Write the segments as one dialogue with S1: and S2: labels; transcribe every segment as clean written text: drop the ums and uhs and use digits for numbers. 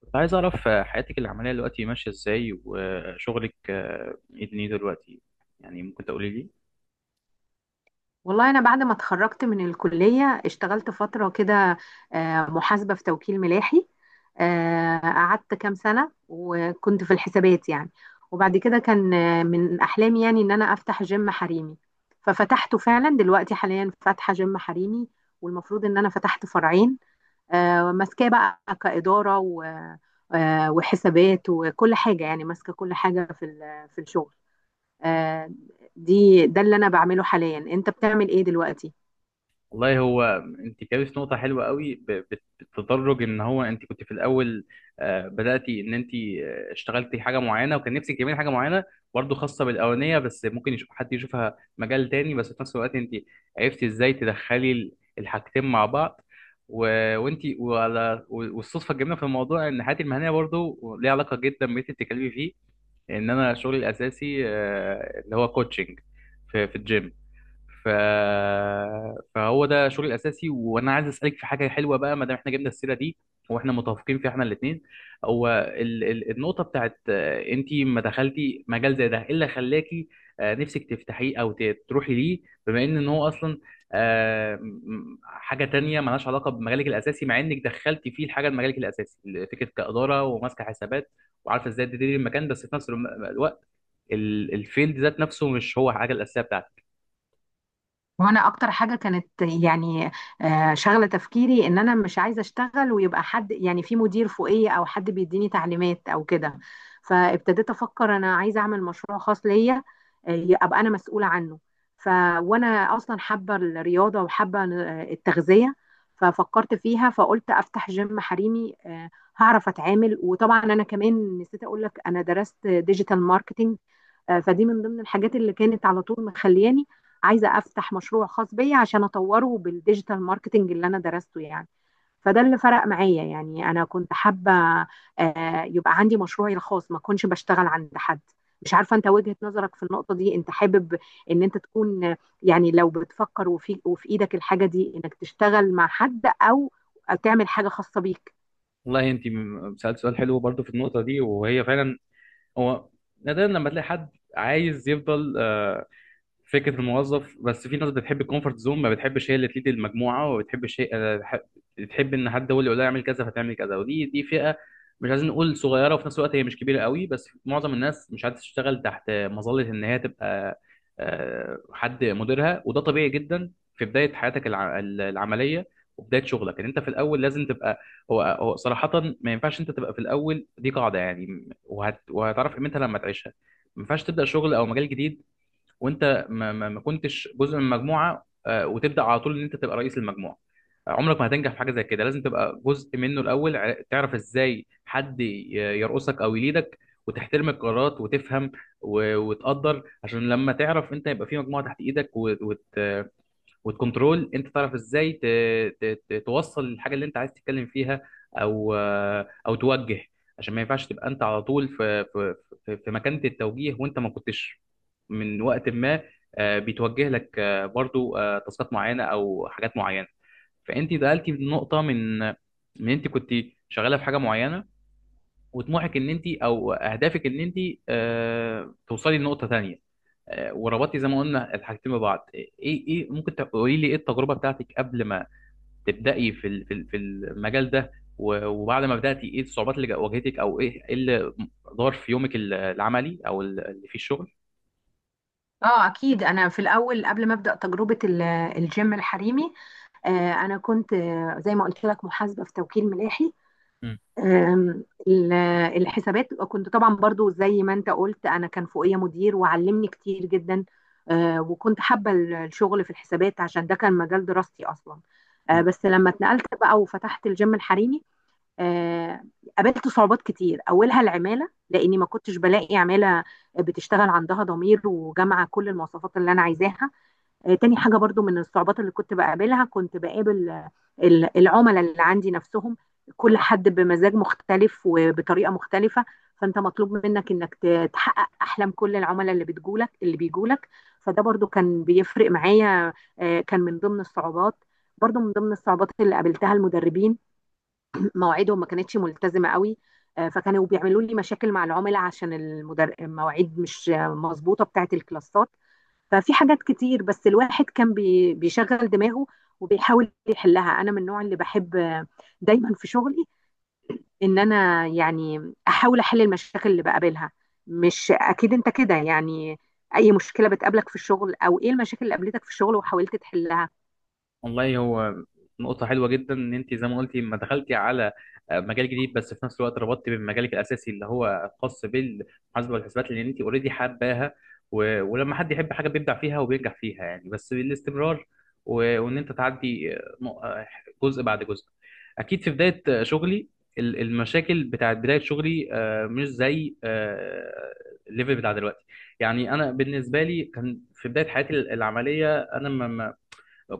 S1: كنت عايز أعرف حياتك العملية دلوقتي ماشية إزاي، وشغلك إيه دنيته دلوقتي؟ يعني ممكن تقولي لي؟
S2: والله أنا بعد ما اتخرجت من الكلية اشتغلت فترة كده. محاسبة في توكيل ملاحي. قعدت كام سنة وكنت في الحسابات يعني. وبعد كده كان من أحلامي يعني إن أنا أفتح جيم حريمي. ففتحته فعلا، دلوقتي حاليا فاتحة جيم حريمي، والمفروض إن أنا فتحت فرعين. ماسكاه بقى كإدارة وحسابات وكل حاجة، يعني ماسكة كل حاجة في الشغل. آه، ده اللي أنا بعمله حاليا. أنت بتعمل إيه دلوقتي؟
S1: والله هو، أنت كابت نقطة حلوة قوي بالتدرج، إن هو أنت كنت في الأول بدأتي إن أنت اشتغلتي حاجة معينة وكان نفسك تعملي حاجة معينة برضه خاصة بالأولانية، بس ممكن يشوف حد يشوفها مجال تاني، بس في نفس الوقت أنت عرفتي إزاي تدخلي الحاجتين مع بعض. و- وانتي وعلى والصدفه الجميله في الموضوع ان حياتي المهنيه برضو ليها علاقه جدا باللي انت بتتكلمي فيه، ان انا شغلي الاساسي اللي هو كوتشنج في الجيم. ف... فهو ده شغلي الاساسي، وانا عايز اسالك في حاجه حلوه بقى ما دام احنا جبنا السيره دي واحنا متفقين فيها احنا الاثنين. هو النقطه بتاعت انت ما دخلتي مجال زي ده، ايه اللي خلاكي نفسك تفتحيه او تروحي ليه؟ بما إن هو اصلا حاجه تانية مالهاش علاقه بمجالك الاساسي، مع انك دخلتي فيه الحاجه لمجالك الاساسي، فكره كاداره وماسكه حسابات، وعارفه ازاي تديري المكان، بس في نفس الوقت الفيلد ذات نفسه مش هو حاجه الاساسيه بتاعتك.
S2: وانا اكتر حاجه كانت يعني شغله تفكيري، ان انا مش عايزه اشتغل ويبقى حد يعني في مدير فوقيه او حد بيديني تعليمات او كده. فابتديت افكر انا عايزه اعمل مشروع خاص ليا، ابقى انا مسؤوله عنه. ف وانا اصلا حابه الرياضه وحابه التغذيه. ففكرت فيها فقلت افتح جيم حريمي. هعرف اتعامل. وطبعا انا كمان نسيت اقول لك انا درست ديجيتال ماركتينج. فدي من ضمن الحاجات اللي كانت على طول مخلياني عايزه افتح مشروع خاص بيا عشان اطوره بالديجيتال ماركتنج اللي انا درسته يعني. فده اللي فرق معايا، يعني انا كنت حابه يبقى عندي مشروعي الخاص، ما اكونش بشتغل عند حد. مش عارفه انت وجهه نظرك في النقطه دي، انت حابب ان انت تكون يعني لو بتفكر، وفي ايدك الحاجه دي، انك تشتغل مع حد او تعمل حاجه خاصه بيك؟
S1: والله انت سألت سؤال حلو برضو في النقطة دي، وهي فعلا هو نادرا لما تلاقي حد عايز يفضل فكره الموظف، بس في ناس بتحب الكومفورت زون، ما بتحبش هي اللي تليد المجموعه، وما بتحبش هي بتحب ان حد هو اللي يقول لها اعمل كذا فتعمل كذا، ودي فئه مش عايزين نقول صغيره، وفي نفس الوقت هي مش كبيره قوي، بس معظم الناس مش عايزه تشتغل تحت مظله ان هي تبقى حد مديرها، وده طبيعي جدا. في بدايه حياتك العمليه وبدايه شغلك، ان انت في الاول لازم تبقى هو صراحه ما ينفعش انت تبقى في الاول، دي قاعده يعني، وهتعرف قيمتها لما تعيشها. ما ينفعش تبدا شغل او مجال جديد وانت ما كنتش جزء من مجموعه، وتبدا على طول ان انت تبقى رئيس المجموعه. عمرك ما هتنجح في حاجه زي كده، لازم تبقى جزء منه الاول، تعرف ازاي حد يرقصك او يليدك، وتحترم القرارات وتفهم وتقدر، عشان لما تعرف انت يبقى في مجموعه تحت ايدك و- وت والكنترول، انت تعرف ازاي توصل الحاجه اللي انت عايز تتكلم فيها، او او توجه. عشان ما ينفعش تبقى انت على طول في مكانه التوجيه، وانت ما كنتش من وقت ما بيتوجه لك برضو تاسكات معينه او حاجات معينه. فانت دخلتي في نقطه من انت كنت شغاله في حاجه معينه، وطموحك ان انت، او اهدافك ان انت توصلي لنقطه تانية، وربطتي زي ما قلنا الحاجتين ببعض. ايه ايه إيه، ممكن تقولي لي ايه التجربه بتاعتك قبل ما تبداي في المجال ده، وبعد ما بداتي ايه الصعوبات اللي واجهتك، او إيه اللي دار في يومك العملي او اللي فيه الشغل؟
S2: اه اكيد. انا في الاول قبل ما ابدا تجربه الجيم الحريمي، انا كنت زي ما قلت لك محاسبه في توكيل ملاحي. آم، ال- الحسابات كنت طبعا برضو زي ما انت قلت، انا كان فوقيا مدير وعلمني كتير جدا. وكنت حابه الشغل في الحسابات عشان ده كان مجال دراستي اصلا.
S1: مم.
S2: بس لما اتنقلت بقى وفتحت الجيم الحريمي، آه، قابلت صعوبات كتير، اولها العماله، لاني ما كنتش بلاقي عماله بتشتغل عندها ضمير وجامعه كل المواصفات اللي انا عايزاها. تاني حاجه برضو من الصعوبات اللي كنت بقابلها، كنت بقابل العملاء اللي عندي نفسهم، كل حد بمزاج مختلف وبطريقه مختلفه، فانت مطلوب منك تحقق احلام كل العملاء اللي بيجولك. فده برضو كان بيفرق معايا، كان من ضمن الصعوبات. برضو من ضمن الصعوبات اللي قابلتها المدربين، مواعيدهم ما كانتش ملتزمه قوي. فكانوا بيعملوا لي مشاكل مع العملاء عشان المواعيد مش مظبوطه بتاعه الكلاسات. ففي حاجات كتير، بس الواحد كان بيشغل دماغه وبيحاول يحلها. انا من النوع اللي بحب دايما في شغلي ان انا يعني احاول احل المشاكل اللي بقابلها. مش اكيد انت كده يعني؟ اي مشكله بتقابلك في الشغل، او ايه المشاكل اللي قابلتك في الشغل وحاولت تحلها؟
S1: والله هو نقطة حلوة جدا، إن أنت زي ما قلتي ما دخلتي على مجال جديد، بس في نفس الوقت ربطتي بمجالك الأساسي اللي هو خاص بالمحاسبة والحسابات، لأن أنت أوريدي حباها، ولما حد يحب حاجة بيبدع فيها وبينجح فيها يعني بس بالاستمرار، و... وإن أنت تعدي جزء بعد جزء. أكيد في بداية شغلي المشاكل بتاعت بداية شغلي مش زي الليفل بتاع دلوقتي. يعني أنا بالنسبة لي كان في بداية حياتي العملية أنا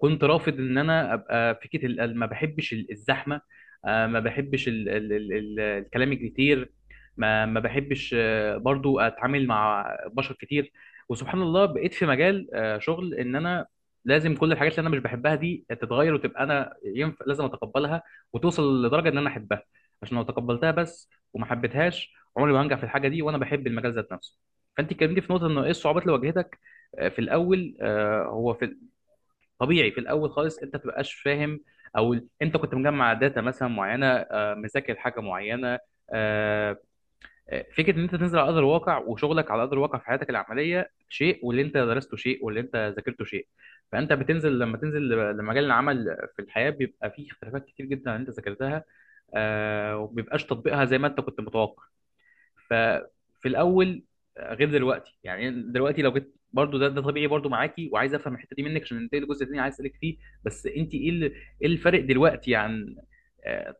S1: كنت رافض ان انا ابقى فكره ما بحبش الزحمه، ما بحبش ال الكلام الكتير، ما بحبش برضو اتعامل مع بشر كتير. وسبحان الله بقيت في مجال شغل ان انا لازم كل الحاجات اللي انا مش بحبها دي تتغير، وتبقى انا ينفع لازم اتقبلها وتوصل لدرجه ان انا احبها، عشان لو تقبلتها بس وما حبيتهاش عمري ما هنجح في الحاجه دي، وانا بحب المجال ذات نفسه. فانت اتكلمتي في نقطه انه ايه الصعوبات اللي واجهتك في الاول. آه، هو في طبيعي في الاول خالص انت متبقاش فاهم، او انت كنت مجمع داتا مثلا معينه، مذاكر حاجه معينه، آه، فكره ان انت تنزل على ارض الواقع، وشغلك على ارض الواقع في حياتك العمليه شيء، واللي انت درسته شيء، واللي انت ذاكرته شيء. فانت بتنزل لما تنزل لمجال العمل في الحياه بيبقى فيه اختلافات كتير جدا عن اللي انت ذاكرتها، ومبيبقاش تطبيقها زي ما انت كنت متوقع. ففي الاول غير دلوقتي، يعني دلوقتي لو جيت برضو ده طبيعي برضو معاكي، وعايز افهم الحته دي منك عشان ننتقل للجزء الثاني عايز اسالك فيه. بس انت ايه الفرق دلوقتي عن آه،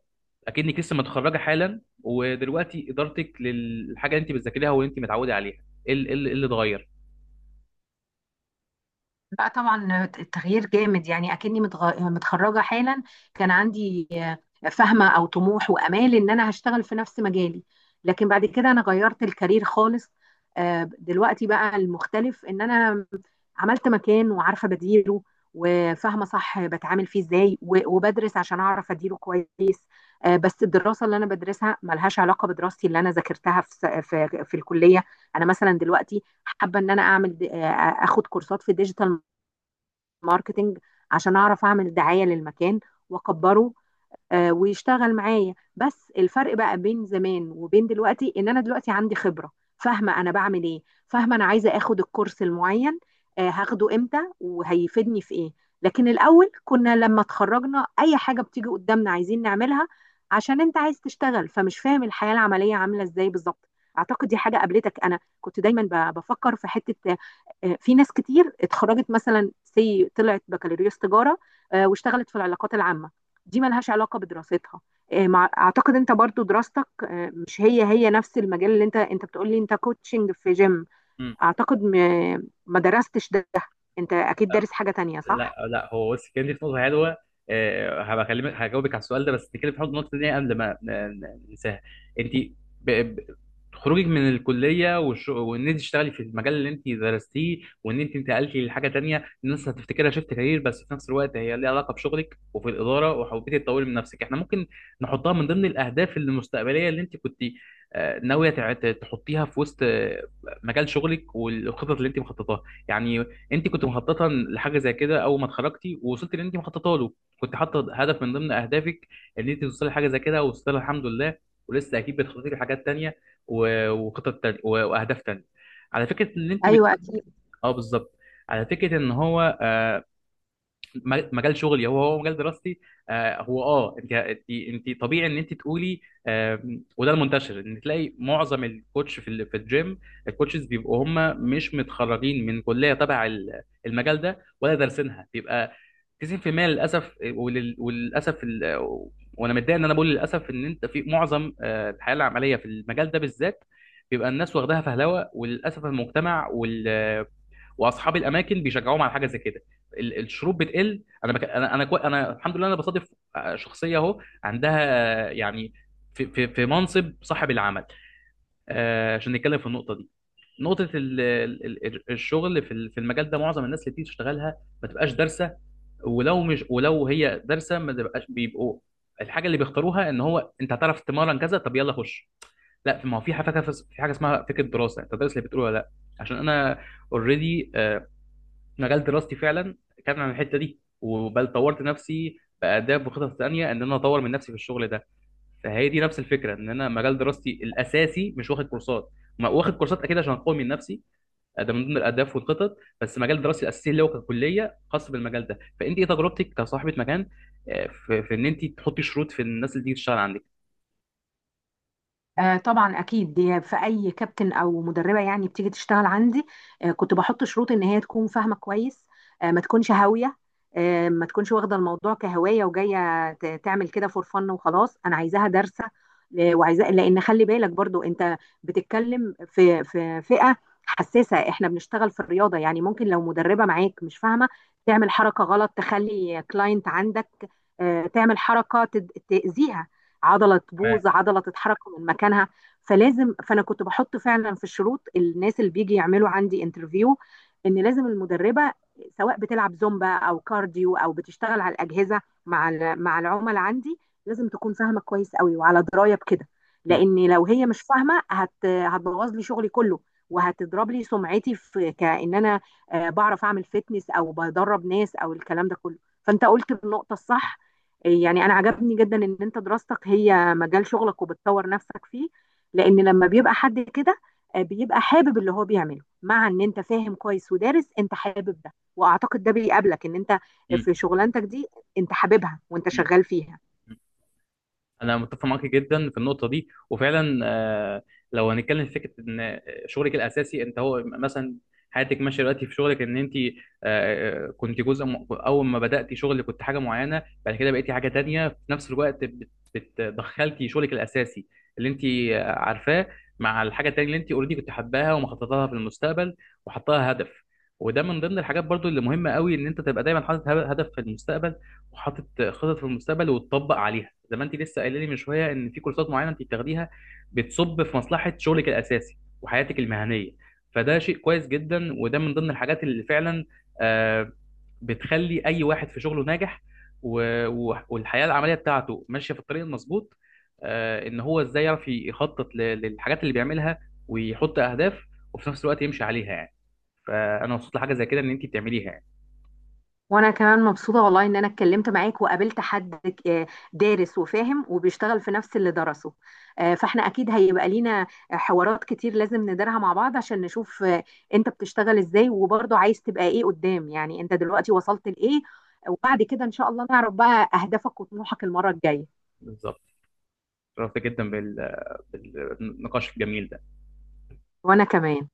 S1: اكنك لسه متخرجه حالا، ودلوقتي ادارتك للحاجه اللي انت بتذاكريها واللي انت متعوده عليها، إيه اللي اتغير؟
S2: لا طبعا، التغيير جامد. يعني اكني متخرجه حالا. كان عندي فهمه او طموح وامال ان انا هشتغل في نفس مجالي، لكن بعد كده انا غيرت الكارير خالص. دلوقتي بقى المختلف ان انا عملت مكان وعارفه بديره وفاهمه صح بتعامل فيه ازاي، وبدرس عشان اعرف اديره كويس. بس الدراسه اللي انا بدرسها ملهاش علاقه بدراستي اللي انا ذاكرتها في س- في في الكليه. انا مثلا دلوقتي حابه ان انا اعمل اخد كورسات في ديجيتال ماركتينج عشان اعرف اعمل دعايه للمكان واكبره، ويشتغل معايا. بس الفرق بقى بين زمان وبين دلوقتي ان انا دلوقتي عندي خبرة، فاهمة انا بعمل ايه، فاهمة انا عايزة اخد الكورس المعين هاخده امتى وهيفيدني في ايه. لكن الاول كنا لما اتخرجنا اي حاجة بتيجي قدامنا عايزين نعملها، عشان انت عايز تشتغل فمش فاهم الحياة العملية عاملة ازاي بالظبط. اعتقد دي حاجة قابلتك. انا كنت دايما بفكر في حتة، في ناس كتير اتخرجت، مثلا سي طلعت بكالوريوس تجارة، واشتغلت في العلاقات العامة، دي ملهاش علاقة بدراستها. اعتقد انت برضو دراستك مش هي هي نفس المجال، اللي انت بتقولي انت كوتشنج في جيم. اعتقد ما درستش ده، انت اكيد دارس حاجة تانية، صح؟
S1: لا، لا، هو بص كان دي في نقطه حلوه، هبقى اكلمك هجاوبك على السؤال ده، بس نتكلم في حوض النقطه دي قبل ما ننساها. انت ب... ب... خروجك من الكليه وان انت تشتغلي في المجال اللي انت درستيه، وان انت انتقلتي لحاجه تانية، الناس هتفتكرها شيفت كارير، بس في نفس الوقت هي ليها علاقه بشغلك وفي الاداره، وحبيتي تطوري من نفسك، احنا ممكن نحطها من ضمن الاهداف المستقبليه اللي انت كنت ناويه تحطيها في وسط مجال شغلك والخطط اللي انت مخططاها. يعني انت كنت مخططه لحاجه زي كده اول ما اتخرجتي، ووصلت اللي انت مخططه له، كنت حاطه هدف من ضمن اهدافك ان انت توصلي لحاجه زي كده، ووصلت لها الحمد لله، ولسه اكيد بتخططي لحاجات تانيه وخطط تانية واهداف تانيه، على فكره ان انت.
S2: ايوه اكيد.
S1: اه، بالظبط. على فكره ان هو مجال شغلي هو مجال دراستي، آه، هو اه انت انت انت طبيعي ان انت تقولي، وده المنتشر ان تلاقي معظم الكوتش في في الجيم، الكوتشز بيبقوا هم مش متخرجين من كليه تبع المجال ده ولا دارسينها، بيبقى 90% للاسف، وللاسف وانا متضايق ان انا بقول للاسف، ان انت في معظم الحياه العمليه في المجال ده بالذات بيبقى الناس واخداها فهلوه، وللاسف المجتمع واصحاب الاماكن بيشجعوهم على حاجه زي كده. الشروط بتقل، انا الحمد لله انا بصادف شخصيه اهو عندها يعني في منصب صاحب العمل، عشان نتكلم في النقطه دي. نقطه الشغل في المجال ده، معظم الناس اللي بتيجي تشتغلها ما تبقاش دارسه، ولو هي دارسه ما تبقاش، بيبقوا الحاجه اللي بيختاروها ان هو انت هتعرف تمرن كذا، طب يلا خش. لا ما هو في حاجه اسمها فكره دراسه، انت دارس اللي بتقوله ولا لا. عشان انا اوريدي مجال دراستي فعلا كان عن الحته دي، وبل طورت نفسي باداب وخطط ثانيه ان انا اطور من نفسي في الشغل ده. فهي دي نفس الفكره، ان انا مجال دراستي الاساسي مش واخد كورسات، ما واخد كورسات اكيد عشان اقوي من نفسي، ده من ضمن الاهداف والخطط، بس مجال دراستي الاساسي اللي هو ككليه خاص بالمجال ده. فانت ايه تجربتك كصاحبه مكان، في ان انت تحطي شروط في الناس اللي تيجي تشتغل عندك؟
S2: طبعا اكيد، دي في اي كابتن او مدربه يعني بتيجي تشتغل عندي كنت بحط شروط ان هي تكون فاهمه كويس، ما تكونش هاويه، ما تكونش واخده الموضوع كهوايه وجايه تعمل كده فور فن وخلاص. انا عايزاها دارسه، وعايزاه، لان خلي بالك برضو، انت بتتكلم في فئه حساسه، احنا بنشتغل في الرياضه. يعني ممكن لو مدربه معاك مش فاهمه، تعمل حركه غلط، تخلي كلاينت عندك تعمل حركه تاذيها، عضله
S1: ما
S2: تبوظ، عضله تتحرك من مكانها. فانا كنت بحط فعلا في الشروط، الناس اللي بيجي يعملوا عندي انترفيو، ان لازم المدربه سواء بتلعب زومبا او كارديو او بتشتغل على الاجهزه مع العملاء عندي، لازم تكون فاهمه كويس قوي وعلى درايه بكده.
S1: م-
S2: لان لو هي مش فاهمه، هتبوظ لي شغلي كله، وهتضرب لي سمعتي، في كأن انا بعرف اعمل فيتنس او بدرب ناس او الكلام ده كله. فانت قلت النقطه الصح، يعني انا عجبني جدا ان انت دراستك هي مجال شغلك وبتطور نفسك فيه. لان لما بيبقى حد كده، بيبقى حابب اللي هو بيعمله. مع ان انت فاهم كويس ودارس، انت حابب ده، واعتقد ده بيقابلك ان انت
S1: م-
S2: في شغلانتك دي انت حاببها وانت شغال فيها.
S1: م- انا متفق معاك جدا في النقطه دي وفعلا، لو هنتكلم في فكره ان شغلك الاساسي انت هو مثلا حياتك ماشيه دلوقتي في شغلك، ان انت كنت جزء اول ما بداتي شغل كنت حاجه معينه، بعد كده بقيتي حاجه تانية، في نفس الوقت بتدخلتي شغلك الاساسي اللي انت عارفاه، مع الحاجه التانية اللي انت اوريدي كنت حباها ومخططه لها في المستقبل وحطاها هدف. وده من ضمن الحاجات برضو اللي مهمه قوي، ان انت تبقى دايما حاطط هدف في المستقبل وحاطط خطط في المستقبل، وتطبق عليها زي ما انت لسه قايله لي من شويه، ان في كورسات معينه انت بتاخديها بتصب في مصلحه شغلك الاساسي وحياتك المهنيه. فده شيء كويس جدا، وده من ضمن الحاجات اللي فعلا آه، بتخلي اي واحد في شغله ناجح، والحياه العمليه بتاعته ماشيه في الطريق المظبوط، ان هو ازاي يعرف يخطط للحاجات اللي بيعملها، ويحط اهداف، وفي نفس الوقت يمشي عليها يعني. فانا مبسوط لحاجه زي كده ان انت بتعمليها يعني.
S2: وانا كمان مبسوطه والله ان انا اتكلمت معاك وقابلت حد دارس وفاهم وبيشتغل في نفس اللي درسه. فاحنا اكيد هيبقى لينا حوارات كتير لازم ندارها مع بعض، عشان نشوف انت بتشتغل ازاي وبرضه عايز تبقى ايه قدام. يعني انت دلوقتي وصلت لايه، وبعد كده ان شاء الله نعرف بقى اهدافك وطموحك المره الجايه.
S1: بالظبط. شرفت جدا بالنقاش الجميل ده.
S2: وانا كمان